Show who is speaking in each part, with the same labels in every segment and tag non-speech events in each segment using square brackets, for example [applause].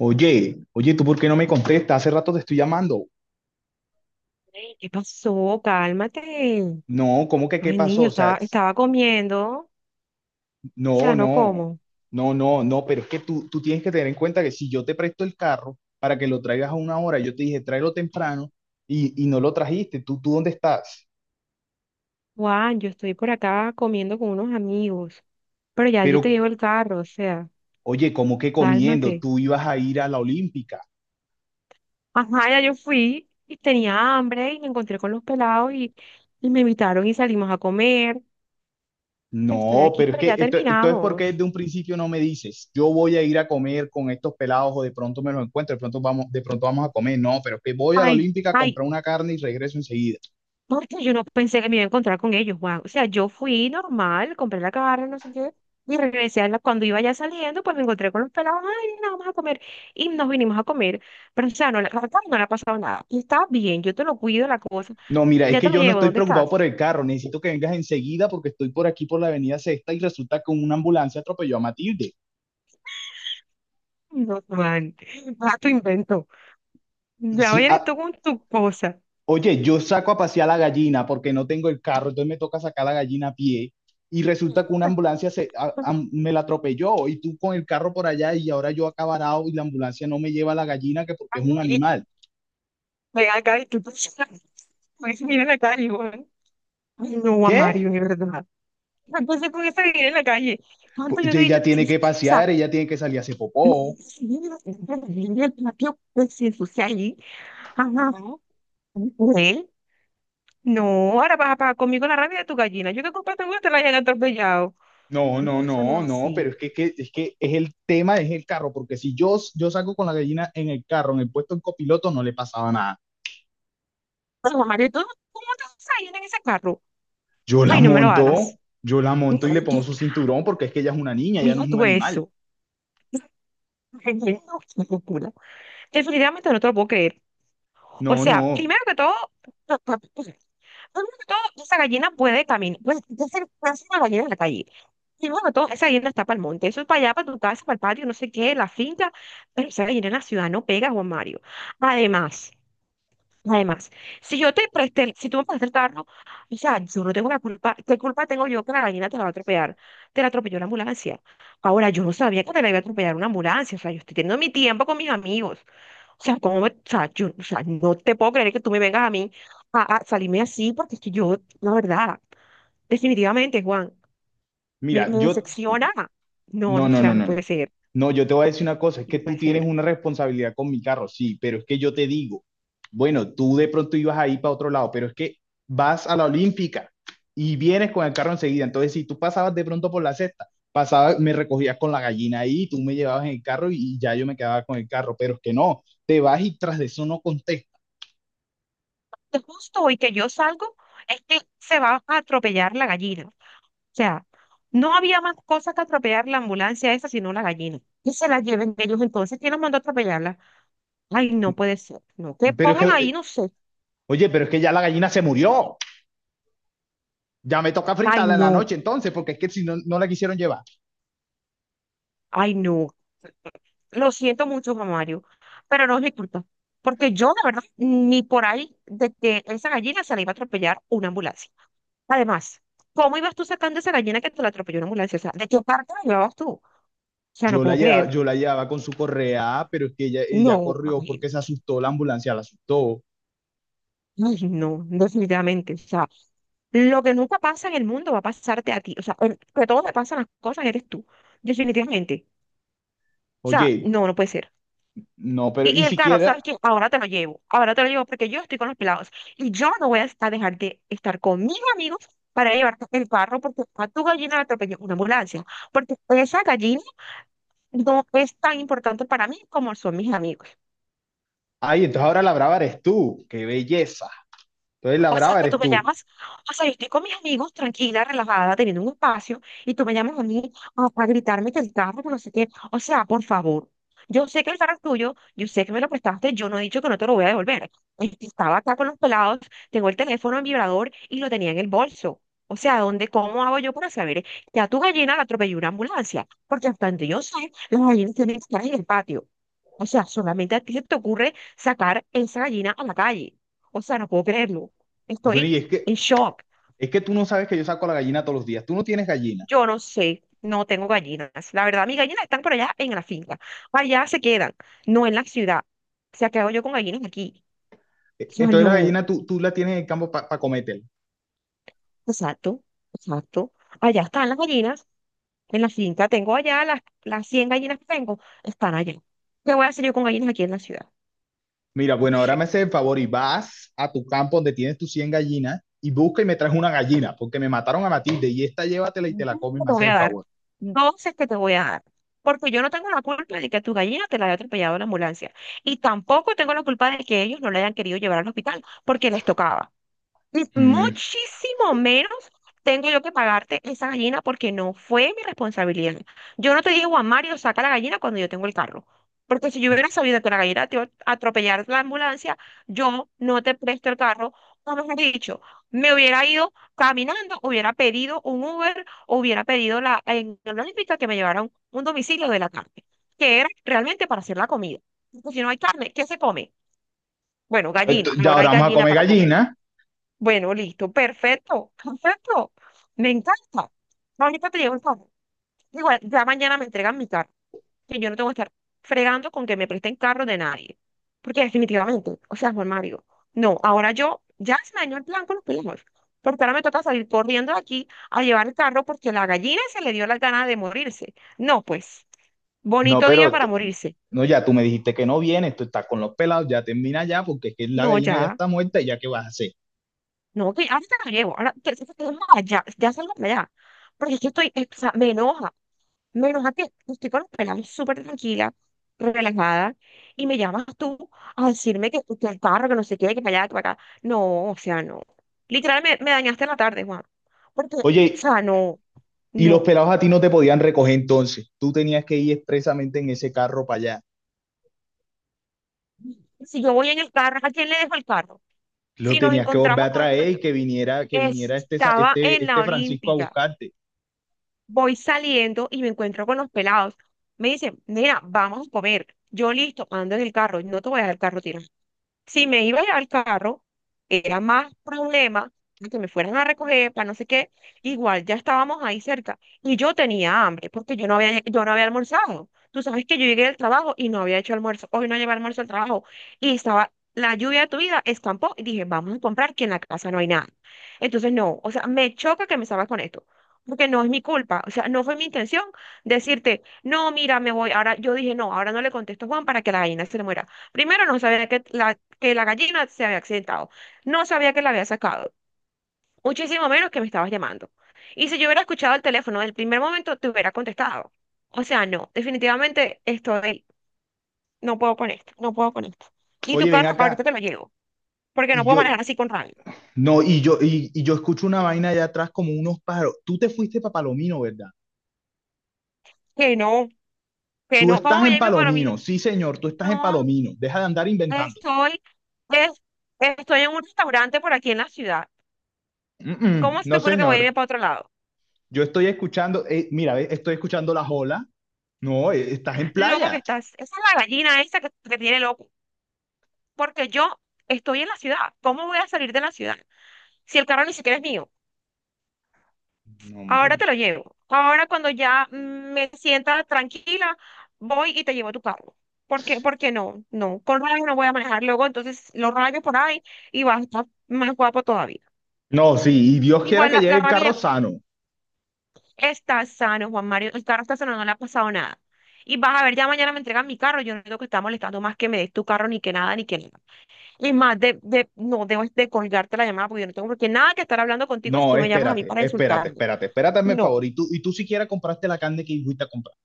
Speaker 1: Oye, oye, ¿tú por qué no me contestas? Hace rato te estoy llamando.
Speaker 2: Ey, ¿qué pasó? Cálmate.
Speaker 1: No, ¿cómo que qué
Speaker 2: Ay,
Speaker 1: pasó?
Speaker 2: niño,
Speaker 1: O sea,
Speaker 2: estaba, estaba comiendo. O
Speaker 1: no,
Speaker 2: sea, no
Speaker 1: no,
Speaker 2: como.
Speaker 1: no, no, no, pero es que tú tienes que tener en cuenta que si yo te presto el carro para que lo traigas a una hora, yo te dije tráelo temprano y no lo trajiste. ¿Tú dónde estás?
Speaker 2: Juan, yo estoy por acá comiendo con unos amigos. Pero ya yo
Speaker 1: Pero,
Speaker 2: te llevo el carro, o sea,
Speaker 1: oye, ¿cómo que comiendo?
Speaker 2: cálmate.
Speaker 1: Tú ibas a ir a la Olímpica.
Speaker 2: Ajá, ya yo fui y tenía hambre y me encontré con los pelados y me invitaron y salimos a comer. Estoy
Speaker 1: No,
Speaker 2: aquí,
Speaker 1: pero es
Speaker 2: pero
Speaker 1: que
Speaker 2: ya
Speaker 1: Entonces, ¿por qué
Speaker 2: terminamos.
Speaker 1: desde un principio no me dices, yo voy a ir a comer con estos pelados o de pronto me los encuentro, de pronto vamos a comer? No, pero es que voy a la
Speaker 2: Ay,
Speaker 1: Olímpica a
Speaker 2: ay,
Speaker 1: comprar una carne y regreso enseguida.
Speaker 2: porque yo no pensé que me iba a encontrar con ellos, Juan. O sea, yo fui normal, compré la carne, no sé qué, y regresé a la, cuando iba ya saliendo, pues me encontré con los pelados, ay, nada, vamos a comer, y nos vinimos a comer. Pero, o sea, no, la carne no le ha pasado nada. Y está bien, yo te lo cuido, la cosa,
Speaker 1: No, mira, es
Speaker 2: ya te
Speaker 1: que
Speaker 2: lo
Speaker 1: yo no
Speaker 2: llevo,
Speaker 1: estoy
Speaker 2: ¿dónde
Speaker 1: preocupado
Speaker 2: estás?
Speaker 1: por el carro, necesito que vengas enseguida porque estoy por aquí por la Avenida Sexta y resulta que una ambulancia atropelló a Matilde.
Speaker 2: No, Juan, a [laughs] tu invento. Ya
Speaker 1: Sí,
Speaker 2: vienes
Speaker 1: ah,
Speaker 2: tú con tu cosa.
Speaker 1: oye, yo saco a pasear la gallina porque no tengo el carro, entonces me toca sacar la gallina a pie y resulta que una
Speaker 2: [laughs]
Speaker 1: ambulancia me la atropelló y tú con el carro por allá y ahora yo acá varado y la ambulancia no me lleva a la gallina que porque es un animal.
Speaker 2: Ven acá y tú, [laughs] pues, mira la calle, Juan. Ay, no, a
Speaker 1: ¿Qué?
Speaker 2: Mario, de verdad. Entonces, con esa vida en la calle,
Speaker 1: Pues,
Speaker 2: ¿cuánto yo te he dicho?
Speaker 1: ella tiene que
Speaker 2: [laughs]
Speaker 1: pasear, ella tiene que salir a hacer popó.
Speaker 2: Yo pues, si ensucia ahí. Ajá. No, ¿eh? No, ahora vas a pagar conmigo la rabia de tu gallina. Yo que culpa tengo que te la hayan atropellado.
Speaker 1: No, no,
Speaker 2: No, eso no
Speaker 1: no,
Speaker 2: es
Speaker 1: no, pero
Speaker 2: así.
Speaker 1: es que, es que es el tema, es el carro, porque si yo, yo saco con la gallina en el carro, en el puesto en copiloto, no le pasaba nada.
Speaker 2: Pero, Mario, ¿tú cómo te vas a ir en ese carro? Ay, no me lo hagas.
Speaker 1: Yo la
Speaker 2: No,
Speaker 1: monto y le pongo
Speaker 2: yo,
Speaker 1: su cinturón porque es que ella es una niña, ella no
Speaker 2: mira
Speaker 1: es un
Speaker 2: tú
Speaker 1: animal.
Speaker 2: eso. Ay, no, qué locura. Definitivamente no te lo puedo creer. O
Speaker 1: No,
Speaker 2: sea,
Speaker 1: no.
Speaker 2: primero que todo, pa- pa- pa- primero que todo, esa gallina puede caminar, puede ser una gallina en la calle. Y bueno, todo, esa guinda está para el monte, eso es para allá, para tu casa, para el patio, no sé qué, la finca, pero esa guinda en la ciudad no pega, Juan Mario. Además, además, si yo te presté, el- si tú me prestas el carro, o sea, yo no tengo la culpa, ¿qué culpa tengo yo que la gallina te la va a atropellar? Te la atropelló la ambulancia. Ahora, yo no sabía que te la iba a atropellar una ambulancia, o sea, yo estoy teniendo mi tiempo con mis amigos. O sea, ¿cómo me- o sea, yo, o sea, no te puedo creer que tú me vengas a mí a salirme así, porque es que yo, la verdad, definitivamente, Juan me,
Speaker 1: Mira,
Speaker 2: me decepciona. No, no,
Speaker 1: no,
Speaker 2: o
Speaker 1: no,
Speaker 2: sea,
Speaker 1: no,
Speaker 2: no
Speaker 1: no.
Speaker 2: puede ser,
Speaker 1: No, yo te voy a decir una cosa, es
Speaker 2: no
Speaker 1: que tú
Speaker 2: puede
Speaker 1: tienes
Speaker 2: ser.
Speaker 1: una responsabilidad con mi carro, sí, pero es que yo te digo, bueno, tú de pronto ibas ahí para otro lado, pero es que vas a la Olímpica y vienes con el carro enseguida. Entonces, si tú pasabas de pronto por la cesta, pasabas, me recogías con la gallina ahí, tú me llevabas en el carro y ya yo me quedaba con el carro, pero es que no, te vas y tras de eso no contestas.
Speaker 2: De justo hoy que yo salgo, es que se va a atropellar la gallina. O sea, no había más cosa que atropellar la ambulancia esa, sino la gallina. Que se la lleven ellos entonces, ¿quién los mandó a atropellarla? Ay, no puede ser, no. Que
Speaker 1: Pero es
Speaker 2: pongan
Speaker 1: que,
Speaker 2: ahí, no sé.
Speaker 1: oye, pero es que ya la gallina se murió. Ya me toca
Speaker 2: Ay,
Speaker 1: fritarla en la
Speaker 2: no,
Speaker 1: noche entonces, porque es que si no, no la quisieron llevar.
Speaker 2: ay, no. Lo siento mucho, Juan Mario, pero no es mi culpa. Porque yo, la verdad, ni por ahí de que esa gallina se la iba a atropellar una ambulancia. Además, ¿cómo ibas tú sacando esa gallina que te la atropelló una ambulancia? O sea, ¿de qué parte la llevabas tú? O sea, no puedo creer.
Speaker 1: Yo la llevaba con su correa, "Ah, pero es que ella
Speaker 2: No,
Speaker 1: corrió
Speaker 2: Magdalena.
Speaker 1: porque se asustó, la ambulancia la asustó.
Speaker 2: Ay, no, definitivamente. O sea, lo que nunca pasa en el mundo va a pasarte a ti. O sea, el que todo te pasan las cosas eres tú. Definitivamente. O sea,
Speaker 1: Oye,
Speaker 2: no, no puede ser.
Speaker 1: no, pero y
Speaker 2: Y el carro,
Speaker 1: siquiera,
Speaker 2: ¿sabes qué? Ahora te lo llevo. Ahora te lo llevo porque yo estoy con los pelados. Y yo no voy a dejar de estar con mis amigos para llevarte el carro porque a tu gallina la atropelló una ambulancia. Porque esa gallina no es tan importante para mí como son mis amigos.
Speaker 1: ay, entonces ahora la brava eres tú, qué belleza. Entonces la
Speaker 2: O sea,
Speaker 1: brava
Speaker 2: que tú
Speaker 1: eres
Speaker 2: me
Speaker 1: tú.
Speaker 2: llamas, o sea, yo estoy con mis amigos, tranquila, relajada, teniendo un espacio, y tú me llamas a mí ah, para gritarme que el carro, que no sé qué. O sea, por favor, yo sé que el carro es tuyo, yo sé que me lo prestaste, yo no he dicho que no te lo voy a devolver. Estaba acá con los pelados, tengo el teléfono en vibrador y lo tenía en el bolso. O sea, ¿dónde, cómo hago yo para saber que a tu gallina la atropelló una ambulancia? Porque hasta donde yo sé, las gallinas tienen que estar en el patio. O sea, solamente a ti se te ocurre sacar esa gallina a la calle. O sea, no puedo creerlo.
Speaker 1: Bueno,
Speaker 2: Estoy
Speaker 1: y
Speaker 2: en shock.
Speaker 1: es que tú no sabes que yo saco la gallina todos los días, tú no tienes gallina.
Speaker 2: Yo no sé, no tengo gallinas. La verdad, mis gallinas están por allá en la finca. Allá se quedan, no en la ciudad. O sea, ¿qué hago yo con gallinas aquí? O
Speaker 1: E-
Speaker 2: sea,
Speaker 1: Entonces la
Speaker 2: no.
Speaker 1: gallina tú la tienes en el campo para cometer.
Speaker 2: Exacto, exacto. Allá están las gallinas. En la finca tengo allá las 100 gallinas que tengo, están allá. ¿Qué voy a hacer yo con gallinas aquí en la ciudad?
Speaker 1: Mira, bueno, ahora me haces el favor y vas a tu campo donde tienes tus 100 gallinas y busca y me traes una gallina, porque me mataron a Matilde y esta llévatela y te
Speaker 2: Dos
Speaker 1: la comes,
Speaker 2: que
Speaker 1: me
Speaker 2: te voy
Speaker 1: haces
Speaker 2: a
Speaker 1: el
Speaker 2: dar.
Speaker 1: favor.
Speaker 2: Dos es que te voy a dar. Porque yo no tengo la culpa de que tu gallina te la haya atropellado la ambulancia. Y tampoco tengo la culpa de que ellos no la hayan querido llevar al hospital porque les tocaba
Speaker 1: Mm.
Speaker 2: muchísimo menos tengo yo que pagarte esa gallina porque no fue mi responsabilidad. Yo no te digo a Mario, saca la gallina cuando yo tengo el carro. Porque si yo hubiera sabido que la gallina te iba a atropellar la ambulancia, yo no te presto el carro. O mejor dicho, me hubiera ido caminando, hubiera pedido un Uber, o hubiera pedido la, en la Olímpica que me llevara a un domicilio de la carne, que era realmente para hacer la comida. Porque si no hay carne, ¿qué se come? Bueno,
Speaker 1: Ento-
Speaker 2: gallina,
Speaker 1: ya
Speaker 2: ahora
Speaker 1: ahora
Speaker 2: hay
Speaker 1: vamos a
Speaker 2: gallina
Speaker 1: comer
Speaker 2: para comer.
Speaker 1: gallina.
Speaker 2: Bueno, listo, perfecto, perfecto. Me encanta. Ahorita te llevo el carro. Igual, ya mañana me entregan mi carro. Que yo no tengo que estar fregando con que me presten carro de nadie. Porque definitivamente, o sea, Juan Mario, no, ahora yo ya se me dañó el plan con los primos. Porque ahora me toca salir corriendo de aquí a llevar el carro porque la gallina se le dio las ganas de morirse. No, pues,
Speaker 1: No,
Speaker 2: bonito día
Speaker 1: pero
Speaker 2: para morirse.
Speaker 1: no, ya tú me dijiste que no vienes, tú estás con los pelados, ya termina ya, porque es que la
Speaker 2: No,
Speaker 1: gallina ya
Speaker 2: ya,
Speaker 1: está muerta y ya qué vas a hacer.
Speaker 2: no, que ahorita lo llevo. Ahora, ya, ya salgo para allá. Porque es que estoy, o sea, me enoja. Menos a que estoy con los pelados súper tranquila, relajada, y me llamas tú a decirme que el carro, que no sé qué, que para allá, que para acá. No, o sea, no. Literal, me dañaste la tarde, Juan. Porque, o
Speaker 1: Oye,
Speaker 2: sea, no,
Speaker 1: y los
Speaker 2: no.
Speaker 1: pelados a ti no te podían recoger entonces, tú tenías que ir expresamente en ese carro para allá,
Speaker 2: Si yo voy en el carro, ¿a quién le dejo el carro?
Speaker 1: lo
Speaker 2: Si nos
Speaker 1: tenías que volver
Speaker 2: encontramos
Speaker 1: a
Speaker 2: con...
Speaker 1: traer y que viniera este, sa-
Speaker 2: Estaba
Speaker 1: este,
Speaker 2: en la
Speaker 1: este Francisco a
Speaker 2: Olímpica.
Speaker 1: buscarte.
Speaker 2: Voy saliendo y me encuentro con los pelados. Me dicen, mira, vamos a comer. Yo listo, ando en el carro, no te voy a dejar el carro tirado. Si me iba a llevar el carro, era más problema que me fueran a recoger para no sé qué. Igual ya estábamos ahí cerca y yo tenía hambre porque yo no había almorzado. Tú sabes que yo llegué del trabajo y no había hecho almuerzo. Hoy no llevé almuerzo al trabajo y estaba la lluvia de tu vida, escampó y dije, vamos a comprar que en la casa no hay nada. Entonces, no, o sea, me choca que me salgas con esto porque no es mi culpa, o sea, no fue mi intención decirte, no, mira, me voy, ahora yo dije, no, ahora no le contesto a Juan para que la gallina se le muera. Primero no sabía que que la gallina se había accidentado, no sabía que la había sacado, muchísimo menos que me estabas llamando. Y si yo hubiera escuchado el teléfono del primer momento, te hubiera contestado. O sea, no, definitivamente estoy, no puedo con esto, no puedo con esto. Y tu
Speaker 1: Oye, ven
Speaker 2: carro, ahorita
Speaker 1: acá,
Speaker 2: te lo llevo, porque no
Speaker 1: y
Speaker 2: puedo manejar
Speaker 1: yo,
Speaker 2: así con rabia.
Speaker 1: no, y yo, y yo escucho una vaina allá atrás como unos pájaros. Tú te fuiste para Palomino, ¿verdad?
Speaker 2: Que no, que
Speaker 1: Tú
Speaker 2: no, vamos
Speaker 1: estás en
Speaker 2: a mi para mí.
Speaker 1: Palomino, sí señor, tú estás en
Speaker 2: No,
Speaker 1: Palomino, deja de andar inventando.
Speaker 2: estoy, es- estoy en un restaurante por aquí en la ciudad.
Speaker 1: Mm, mm,
Speaker 2: ¿Cómo se te
Speaker 1: no
Speaker 2: ocurre que voy a irme
Speaker 1: señor.
Speaker 2: para otro lado?
Speaker 1: Yo estoy escuchando, mira, ve, estoy escuchando las olas. No, estás en
Speaker 2: Loco que
Speaker 1: playa.
Speaker 2: estás. Esa es la gallina esa que tiene loco. Porque yo estoy en la ciudad. ¿Cómo voy a salir de la ciudad? Si el carro ni siquiera es mío.
Speaker 1: No,
Speaker 2: Ahora te
Speaker 1: hombre.
Speaker 2: lo llevo. Ahora cuando ya me sienta tranquila, voy y te llevo tu carro. ¿Por qué? Porque no, no. Con rayos no voy a manejar luego. Entonces lo rayo por ahí y vas a estar más guapo todavía.
Speaker 1: No, sí, y Dios quiera
Speaker 2: Igual
Speaker 1: que
Speaker 2: la,
Speaker 1: llegue
Speaker 2: la
Speaker 1: el
Speaker 2: rabia ya
Speaker 1: carro
Speaker 2: está.
Speaker 1: sano.
Speaker 2: Está sano, Juan Mario. El carro está sano, no le ha pasado nada. Y vas a ver, ya mañana me entregan mi carro. Yo no digo que está molestando más que me des tu carro, ni que nada, ni que nada. Y más de no debo de colgarte la llamada porque yo no tengo por qué nada que estar hablando contigo si
Speaker 1: No,
Speaker 2: tú me llamas a mí
Speaker 1: espérate,
Speaker 2: para
Speaker 1: espérate,
Speaker 2: insultarme.
Speaker 1: espérate, espérate, mi
Speaker 2: No.
Speaker 1: favor. Y tú siquiera compraste la carne que fuiste a comprar.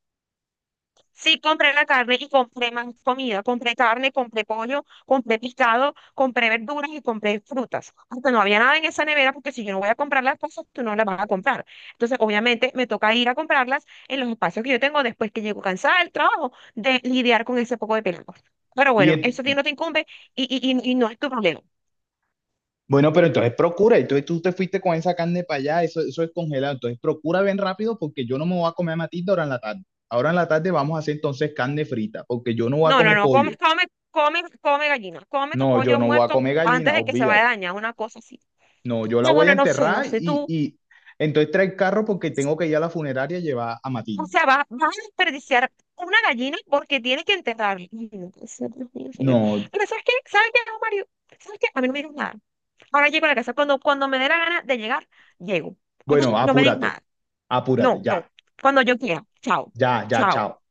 Speaker 2: Sí, compré la carne y compré más comida. Compré carne, compré pollo, compré pescado, compré verduras y compré frutas. Hasta no había nada en esa nevera porque si yo no voy a comprar las cosas, tú no las vas a comprar. Entonces, obviamente, me toca ir a comprarlas en los espacios que yo tengo después que llego cansada del trabajo de lidiar con ese poco de pelado. Pero
Speaker 1: Y
Speaker 2: bueno,
Speaker 1: en-
Speaker 2: eso a ti no te incumbe y no es tu problema.
Speaker 1: bueno, pero entonces procura. Entonces tú te fuiste con esa carne para allá, eso es congelado. Entonces procura bien rápido porque yo no me voy a comer a matilda ahora en la tarde. Ahora en la tarde vamos a hacer entonces carne frita porque yo no voy a
Speaker 2: No, no,
Speaker 1: comer
Speaker 2: no, come,
Speaker 1: pollo.
Speaker 2: come, come, come gallina. Come tu
Speaker 1: No, yo
Speaker 2: pollo
Speaker 1: no voy a
Speaker 2: muerto
Speaker 1: comer gallina,
Speaker 2: antes de que se vaya a
Speaker 1: olvídate.
Speaker 2: dañar, una cosa así.
Speaker 1: No, yo la
Speaker 2: No,
Speaker 1: voy a
Speaker 2: bueno, no sé, no
Speaker 1: enterrar
Speaker 2: sé
Speaker 1: y,
Speaker 2: tú.
Speaker 1: y entonces trae el carro porque tengo que ir a la funeraria y llevar a
Speaker 2: O
Speaker 1: Matilde.
Speaker 2: sea, va, va a desperdiciar una gallina porque tiene que enterrarla. Ay, no puede ser, Dios mío, señor.
Speaker 1: No,
Speaker 2: Pero ¿sabes qué? ¿Sabes qué, Mario? ¿Sabes qué? A mí no me digas nada. Ahora llego a la casa. Cuando, cuando me dé la gana de llegar, llego. Ok,
Speaker 1: bueno,
Speaker 2: no me digas
Speaker 1: apúrate,
Speaker 2: nada. No,
Speaker 1: apúrate,
Speaker 2: no.
Speaker 1: ya,
Speaker 2: Cuando yo quiera. Chao.
Speaker 1: ya, ya,
Speaker 2: Chao.
Speaker 1: chao.